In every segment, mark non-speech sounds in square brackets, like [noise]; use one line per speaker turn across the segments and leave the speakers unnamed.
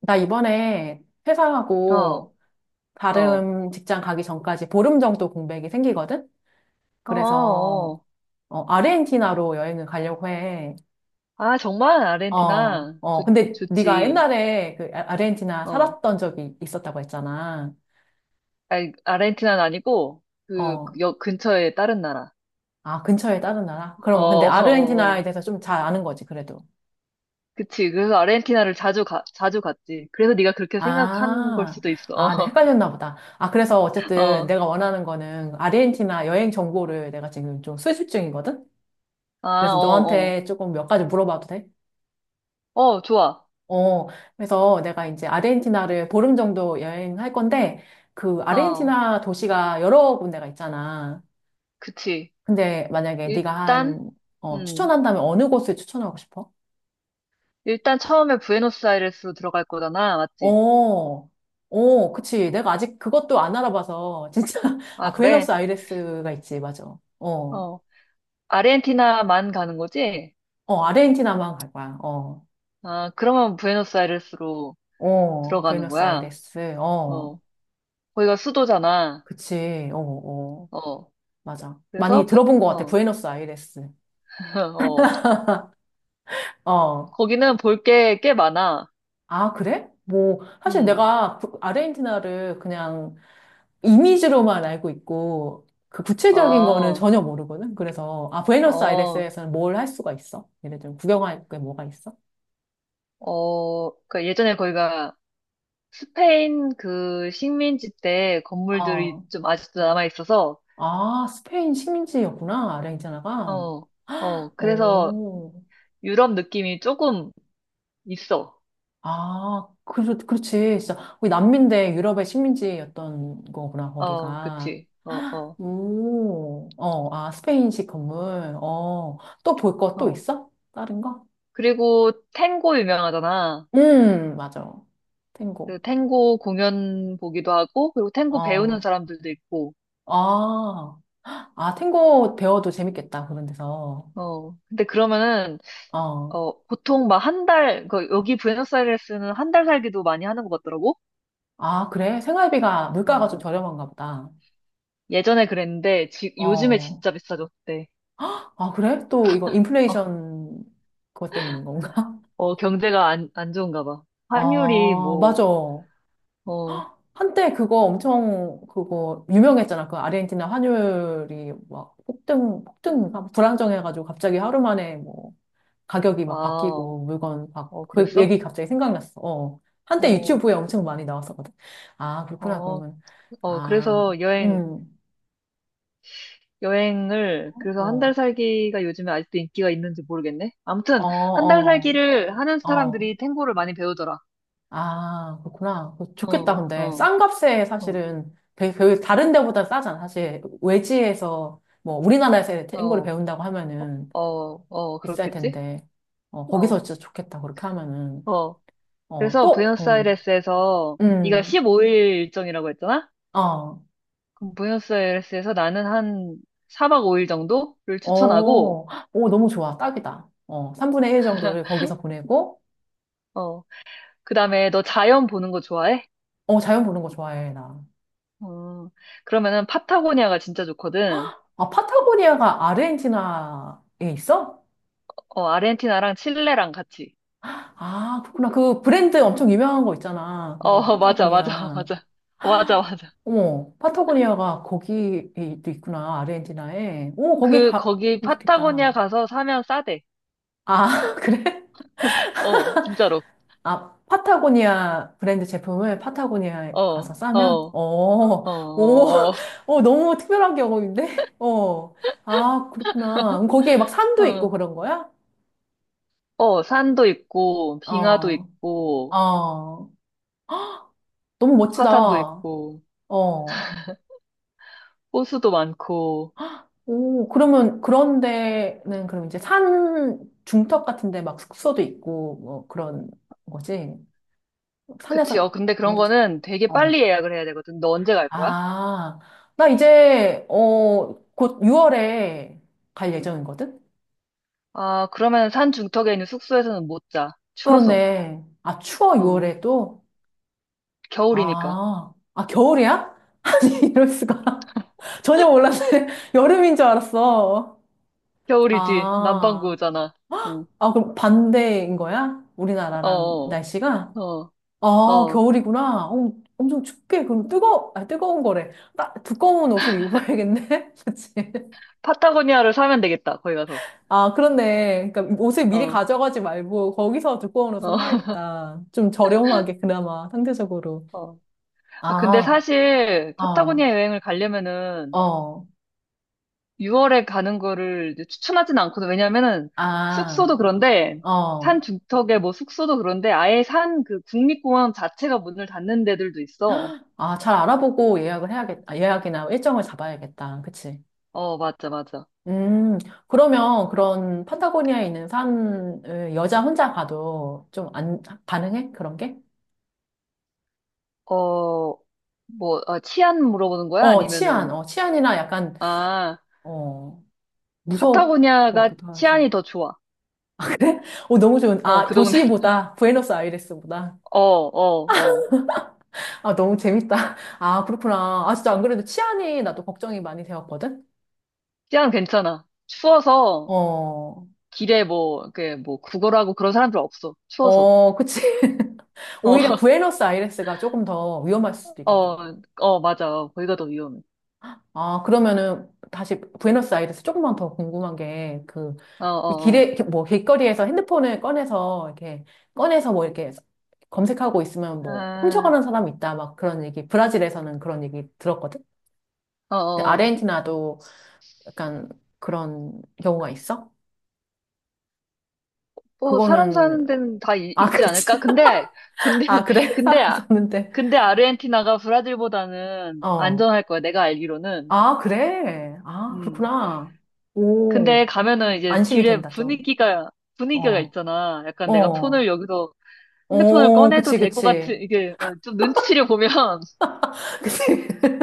나 이번에
어,
퇴사하고
어,
다른 직장 가기 전까지 보름 정도 공백이 생기거든?
어,
그래서
어.
아르헨티나로 여행을 가려고 해.
아, 정말
어,
아르헨티나.
어. 근데 네가
좋지.
옛날에 그 아르헨티나
어.
살았던 적이 있었다고 했잖아.
아니, 아르헨티나는 아니고, 그,
어.
그 역 근처에 다른 나라.
아, 근처에 다른 나라?
어,
그럼 근데
어, 어.
아르헨티나에
어.
대해서 좀 잘 아는 거지, 그래도.
그치. 그래서 아르헨티나를 자주 갔지. 그래서 네가 그렇게 생각한 걸
아,
수도
아, 네,
있어.
헷갈렸나 보다. 아, 그래서
[laughs] 어,
어쨌든
어.
내가 원하는 거는 아르헨티나 여행 정보를 내가 지금 좀 수집 중이거든?
아,
그래서
어, 어.
너한테 조금 몇 가지 물어봐도 돼?
어, 좋아.
어, 그래서 내가 이제 아르헨티나를 보름 정도 여행할 건데, 그
어,
아르헨티나 도시가 여러 군데가 있잖아.
그치.
근데 만약에 네가
일단, 음,
추천한다면 어느 곳을 추천하고 싶어?
일단 처음에 부에노스아이레스로 들어갈 거잖아. 맞지?
어, 어, 그치. 내가 아직 그것도 안 알아봐서, 진짜. [laughs]
아,
아,
그래?
부에노스아이레스가 있지, 맞아. 어,
어. 아르헨티나만 가는 거지?
어, 아르헨티나만 갈 거야. 어,
아, 그러면 부에노스아이레스로
어,
들어가는 거야?
부에노스아이레스, 어,
어, 거기가 수도잖아.
그치. 어, 어.
어,
맞아. 많이
그래서, 부-
들어본 것 같아.
어,
부에노스아이레스.
[laughs] 어,
어.
거기는 볼 게 꽤 많아.
아, 그래? 뭐, 사실
음,
내가 아르헨티나를 그냥 이미지로만 알고 있고, 그 구체적인 거는
어,
전혀 모르거든. 그래서, 아,
어,
부에노스아이레스에서는 뭘 할 수가 있어? 예를 들면, 구경할 게 뭐가 있어?
어, 그러니까 예전에 거기가 스페인 그 식민지 때 건물들이
어.
좀 아직도 남아 있어서,
아, 스페인 식민지였구나. 아르헨티나가.
어, 어, 그래서
오.
유럽 느낌이 조금 있어.
아, 그렇지. 진짜, 거기 남미인데 유럽의 식민지였던 거구나,
어,
거기가.
그치. 어, 어,
오, 어, 아, 스페인식 건물. 어, 또 볼 거 또
어.
있어? 다른 거?
그리고 탱고 유명하잖아.
맞아.
그
탱고.
탱고 공연 보기도 하고, 그리고 탱고 배우는
어,
사람들도 있고,
아, 아, 탱고 배워도 재밌겠다, 그런 데서.
어, 근데 그러면은,
어,
어, 보통 막 한 달, 그 여기 부에노스아이레스는 한 달 살기도 많이 하는 것 같더라고?
아, 그래? 생활비가, 물가가 좀
어,
저렴한가 보다.
예전에 그랬는데, 요즘에
어,
진짜 비싸졌대.
아, 그래? 또 이거
어,
인플레이션 그것 때문인 건가?
어, 경제가 안 좋은가 봐.
[laughs]
환율이
아,
뭐,
맞아.
어,
한때 그거 엄청 그거 유명했잖아. 그 아르헨티나 환율이 막 폭등인가? 불안정해가지고 갑자기 하루 만에 뭐 가격이 막
아,
바뀌고 물건 막
어,
그 얘기
그랬어?
갑자기 생각났어. 어. 한때
어,
유튜브에 엄청 많이 나왔었거든. 아, 그렇구나.
어,
그러면.
어,
아, 음.
여행을, 그래서 한
어,
달 살기가 요즘에 아직도 인기가 있는지 모르겠네.
어,
아무튼, 한 달
어,
살기를 하는
어.
사람들이 탱고를 많이 배우더라.
아, 그렇구나. 그거 좋겠다,
어,
근데.
어,
싼 값에
어,
사실은 되게 그 다른 데보다 싸잖아. 사실 외지에서 뭐 우리나라에서 탱고를
어,
배운다고 하면은
어, 어, 어,
비쌀
그렇겠지?
텐데. 어, 거기서
어,
진짜 좋겠다. 그렇게 하면은.
어.
어,
그래서
또,
부에노스아이레스에서, 네가
음,
15일 일정이라고 했잖아?
어,
그럼 부에노스아이레스에서 나는 한 4박 5일 정도를 추천하고,
어, 헉, 오, 너무 좋아. 딱이다. 어, 3분의 1 정도를 거기서 보내고,
어, 그 다음에 너 자연 보는 거 좋아해?
어, 자연 보는 거 좋아해, 나.
어, 그러면은 파타고니아가 진짜 좋거든.
아, 파타고니아가 아르헨티나에 있어?
어, 아르헨티나랑 칠레랑 같이.
아, 그렇구나. 그 브랜드 엄청 유명한 거 있잖아. 그거
어, [laughs] 맞아, 맞아,
파타고니아.
맞아. 맞아, 맞아.
어머, 파타고니아가 거기도 있구나, 아르헨티나에. 오, 거기
그,
가면
거기 파타고니아
좋겠다.
가서 사면 싸대.
아, [laughs] 그래?
어, 진짜로.
아, 파타고니아 브랜드 제품을 파타고니아에 가서
어,
싸면?
어,
어, 오,
어,
[laughs] 어, 너무 특별한 경험인데? 어, 아, 그렇구나. 그럼 거기에 막 산도 있고
어,
그런 거야?
어, 산도 있고, 빙하도
어,
있고,
어, 너무
화산도
멋지다.
있고,
어.
호수도 많고.
오, 그러면 그런 데는 그럼 이제 산 중턱 같은 데 막 숙소도 있고 뭐 그런 거지?
그치,
산에서
어, 근데 그런
잠도 자-
거는 되게
어.
빨리 예약을 해야 되거든. 너 언제 갈 거야?
아, 나 이제 곧 6월에 갈 예정이거든?
아, 그러면 산 중턱에 있는 숙소에서는 못 자. 추워서.
그렇네. 아, 추워
어,
6월에 또?
겨울이니까.
아, 아 겨울이야? [laughs] 아니, 이럴 수가. 전혀 몰랐네. [laughs] 여름인 줄 알았어.
겨울이지.
아,
남반구잖아. 응,
아, 그럼 반대인 거야?
어,
우리나라랑
어,
날씨가?
어.
아,
어.
겨울이구나. 어, 엄청 춥게. 그럼 뜨거운 거래. 두꺼운 옷을 입어야겠네? [laughs] 그치?
파타고니아를 사면 되겠다, 거기 가서.
아, 그렇네. 그러니까 옷을 미리
어,
가져가지 말고 거기서 두꺼운 옷을
어,
사야겠다. 좀 저렴하게, 그나마, 상대적으로.
어. 아, 근데
아,
사실
어,
파타고니아 여행을 가려면은
어,
6월에 가는 거를 이제 추천하진 않거든. 왜냐면은
아,
숙소도 그런데
어.
산 중턱에 뭐 숙소도 그런데 아예 산 그 국립공원 자체가 문을 닫는 데들도 있어.
아, 잘 알아보고 예약이나 일정을 잡아야겠다. 그치?
어, 맞아, 맞아.
음, 그러면 그런 판타고니아에 있는 산을 여자 혼자 가도 좀 안, 가능해? 그런 게?
어, 뭐, 아, 치안 물어보는 거야?
어,
아니면은,
치안이나 약간,
아,
어, 무서울 것
파타고니아가
같기도 해서.
치안이 더 좋아.
[laughs] 그래? 어, 너무 좋은,
어,
아,
그 동네. [laughs]
도시보다, 부에노스아이레스보다.
어, 어, 어.
아, 너무 재밌다. 아, 그렇구나. 아, 진짜 안 그래도 치안이 나도 걱정이 많이 되었거든?
치안 괜찮아. 추워서
어,
길에 뭐, 그, 뭐, 구걸하고 그런 사람들 없어. 추워서.
어, 그치. [laughs]
어,
오히려
[laughs]
부에노스아이레스가 조금 더 위험할 수도 있겠다.
어, 어, 맞아. 어, 거기가 더 위험해.
아, 그러면은 다시 부에노스아이레스 조금만 더 궁금한 게, 그,
어,
이
어,
길에,
어.
이렇게 뭐, 길거리에서 핸드폰을 꺼내서, 이렇게, 꺼내서 뭐, 이렇게 검색하고 있으면 뭐,
아,
훔쳐가는 사람이 있다, 막 그런 얘기, 브라질에서는 그런 얘기 들었거든?
어,
근데
어.
아르헨티나도 약간 그런 경우가 있어?
뭐, 사람
그거는,
사는 데는 다
아,
있지
그렇지.
않을까? 근데,
[laughs]
근데,
아,
[laughs]
그래? [laughs]
근데,
사람
아-
썼는데.
근데 아르헨티나가 브라질보다는
어.
안전할 거야. 내가 알기로는.
아, 그래? 아,
음.
그렇구나. 오,
근데 가면은 이제
안심이
길에
된다, 좀.
분위기가, 분위기가
어,
있잖아. 약간 내가
어.
폰을 여기서 핸드폰을
어,
꺼내도
그치,
될 것
그치.
같은, 이게, 어, 좀 눈치를 보면, [laughs]
[laughs] 그치. [laughs]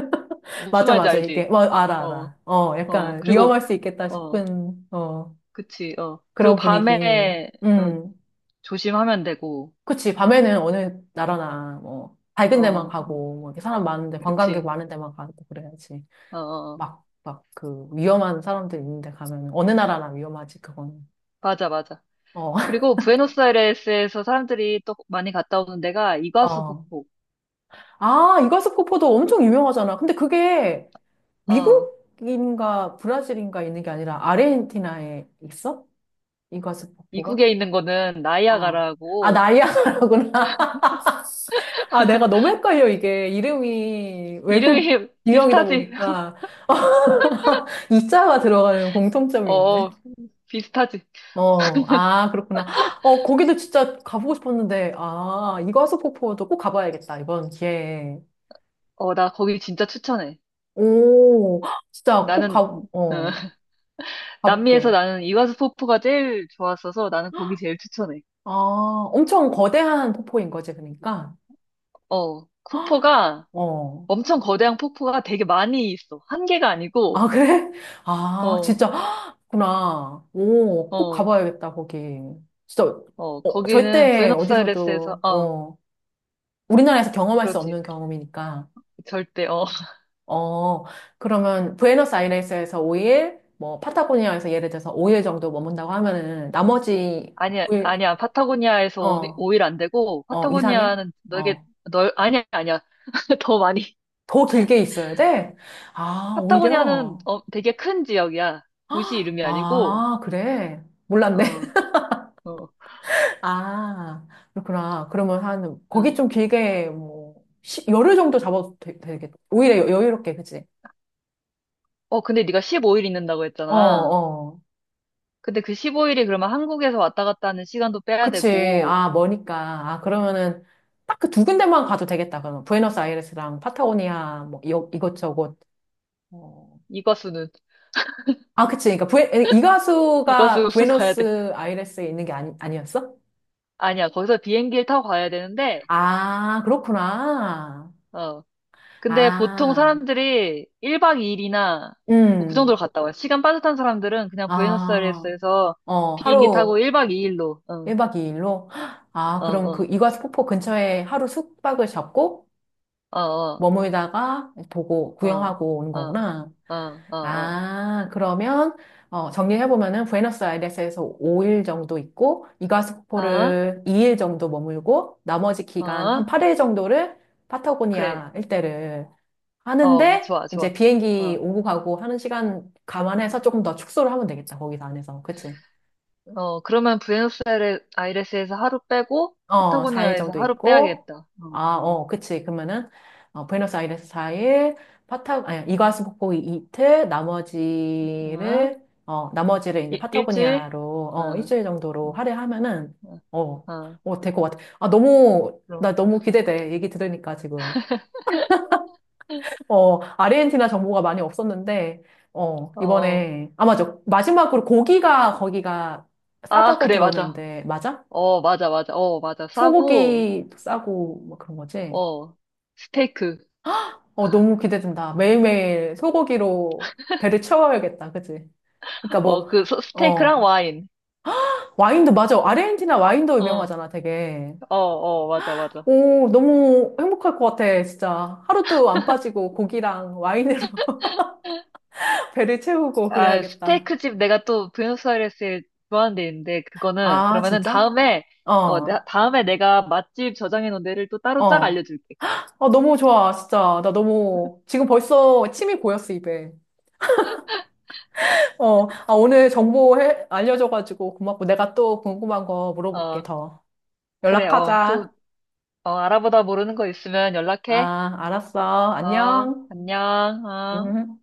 무슨
맞아,
말인지
맞아. 이게,
알지?
와, 알아,
어.
알아. 어,
어,
약간
그리고,
위험할 수 있겠다
어,
싶은,
그치, 어. 그리고
그런 분위기.
밤에, 어,
음.
조심하면 되고,
그치. 밤에는 어느 나라나, 뭐, 밝은 데만
어, 음,
가고, 뭐, 이렇게 사람 많은데, 관광객
그치,
많은 데만 가고 그래야지.
어, 어, 어.
막, 그, 위험한 사람들 있는데 가면, 어느 나라나 위험하지, 그건.
맞아, 맞아.
어,
그리고 부에노스아이레스에서 사람들이 또 많이 갔다 오는 데가
[laughs]
이과수
어.
폭포.
아, 이과수 코포도 엄청 유명하잖아. 근데 그게,
어,
미국인가 브라질인가 있는 게 아니라 아르헨티나에 있어? 이과수 폭포가?
미국에 있는 거는
어. 아,
나이아가라고,
나이아가라구나. [laughs] 아, 내가 너무 헷갈려, 이게. 이름이 외국
이름이 [laughs]
유형이다
비슷하지? [laughs]
보니까. [laughs] 이자가 들어가는
어,
공통점이 있네.
어, 비슷하지?
어, 아, 그렇구나. [gasps] 어, 거기도 진짜 가보고 싶었는데, 아, 이과수 폭포도 꼭 가봐야겠다, 이번 기회에.
어, 나 거기 진짜 추천해.
오, [gasps] 진짜 꼭
나는, 어,
어,
[laughs] 남미에서
가볼게.
나는 이과수 폭포가 제일 좋았어서 나는 거기 제일 추천해.
아, 엄청 거대한 폭포인 거지, 그러니까.
어, 폭포가,
[gasps] 어.
엄청 거대한 폭포가 되게 많이 있어. 한 개가 아니고,
아, 그래? 아,
어,
진짜. [gasps] 구나. 오, 꼭
어,
가봐야겠다, 거기. 진짜,
어, 거기는
절대
부에노스아이레스에서,
어디서도,
어,
우리나라에서 경험할 수
그렇지.
없는 경험이니까.
절대, 어. [laughs]
어, 그러면 부에노스아이레스에서 5일, 뭐, 파타고니아에서 예를 들어서 5일 정도 머문다고 하면은, 나머지
아니야,
5일,
아니야. 파타고니아에서 오,
어,
5일 안 되고,
어, 2, 3일?
파타고니아는 되게
어,
넓, 아니야, 아니야. [laughs] 더 많이.
더 길게 있어야 돼? 아,
파타고니아는
오히려?
어, 되게 큰 지역이야. 도시 이름이 아니고,
아, 그래. 몰랐네.
어, 어,
아, 그렇구나. 그러면 한, 거기
응.
좀 길게, 뭐, 열흘 정도 잡아도 겠다 오히려 여유롭게, 그치?
어, 근데 네가 15일 있는다고
어,
했잖아.
어.
근데 그 15일이 그러면 한국에서 왔다 갔다 하는 시간도 빼야
그치.
되고,
아, 머니까. 아, 그러면은, 딱 그 두 군데만 가도 되겠다. 그러면, 부에노스아이레스랑 파타고니아, 뭐, 이것저것. 어.
이과수는,
아, 그치. 그러니까, 이 가수가
이과수로 [laughs] 가야 돼.
부에노스아이레스에 있는 게 아니, 아니었어?
아니야, 거기서 비행기를 타고 가야 되는데,
아, 그렇구나.
어. 근데 보통
아,
사람들이 1박 2일이나 뭐 그 정도로
음.
갔다 와요. 시간 빠듯한 사람들은 그냥
아,
부에노스아이레스에서
어,
비행기 타고
하루.
1박 2일로, 어,
1박 2일로? 아,
어,
그럼 그
어,
이과수폭포 근처에 하루 숙박을 잡고
어,
머물다가 보고
어,
구경하고 오는
어, 어,
거구나.
어, 어,
아, 그러면 정리해보면은 부에노스아이레스에서 5일 정도 있고
어, 어,
이과수폭포를 2일 정도 머물고 나머지 기간 한
어,
8일 정도를
그래.
파타고니아 일대를
어,
하는데
좋아,
이제
좋아.
비행기
어,
오고 가고 하는 시간 감안해서 조금 더 축소를 하면 되겠다. 거기서 안에서. 그치?
어, 그러면 부에노스아이레스에서 하루 빼고,
어, 4일
파타고니아에서
정도
하루
있고,
빼야겠다. 어,
아,
어,
어, 그치. 그러면은, 부에노스아이레스 4일, 아니, 이과수폭포 이틀,
어,
나머지를 이제
일주일?
파타고니아로,
어.
일주일 정도로
어.
할애하면은,
응.
어,
아,
어, 될 것 같아. 아,
그럼.
나 너무 기대돼. 얘기 들으니까 지금. 어, 아르헨티나 정보가 많이 없었는데, 어,
어,
이번에, 아, 맞아. 마지막으로 거기가
아,
싸다고
그래, 맞아.
들었는데, 맞아?
어, 맞아, 맞아. 어, 맞아. 싸고,
소고기 싸고, 뭐 그런 거지?
어, 스테이크.
어, 너무 기대된다. 매일매일 소고기로 배를 채워야겠다. 그치? 그러니까
어,
뭐,
스테이크랑
어,
와인.
와인도, 맞아. 아르헨티나 와인도
어,
유명하잖아, 되게.
어, 어, 맞아, 맞아.
오, 너무 행복할 것 같아, 진짜. 하루도 안 빠지고 고기랑 와인으로 [laughs] 배를 채우고
아,
그래야겠다.
스테이크 집 내가 또 부에노스아이레스에 좋아하는 데 있는데, 그거는,
아,
그러면은
진짜?
다음에,
어,
어,
어.
다음에 내가 맛집 저장해 놓은 데를 또 따로 쫙 알려줄게.
아, 너무 좋아, 진짜. 나 너무, 지금 벌써 침이 고였어, 입에. 어, 아, 오늘 정보 알려줘가지고 고맙고 내가 또 궁금한 거 물어볼게,
어,
더.
그래, 어, 또,
연락하자.
어, 알아보다 모르는 거 있으면 연락해.
아, 알았어.
어,
안녕.
안녕, 어.
음.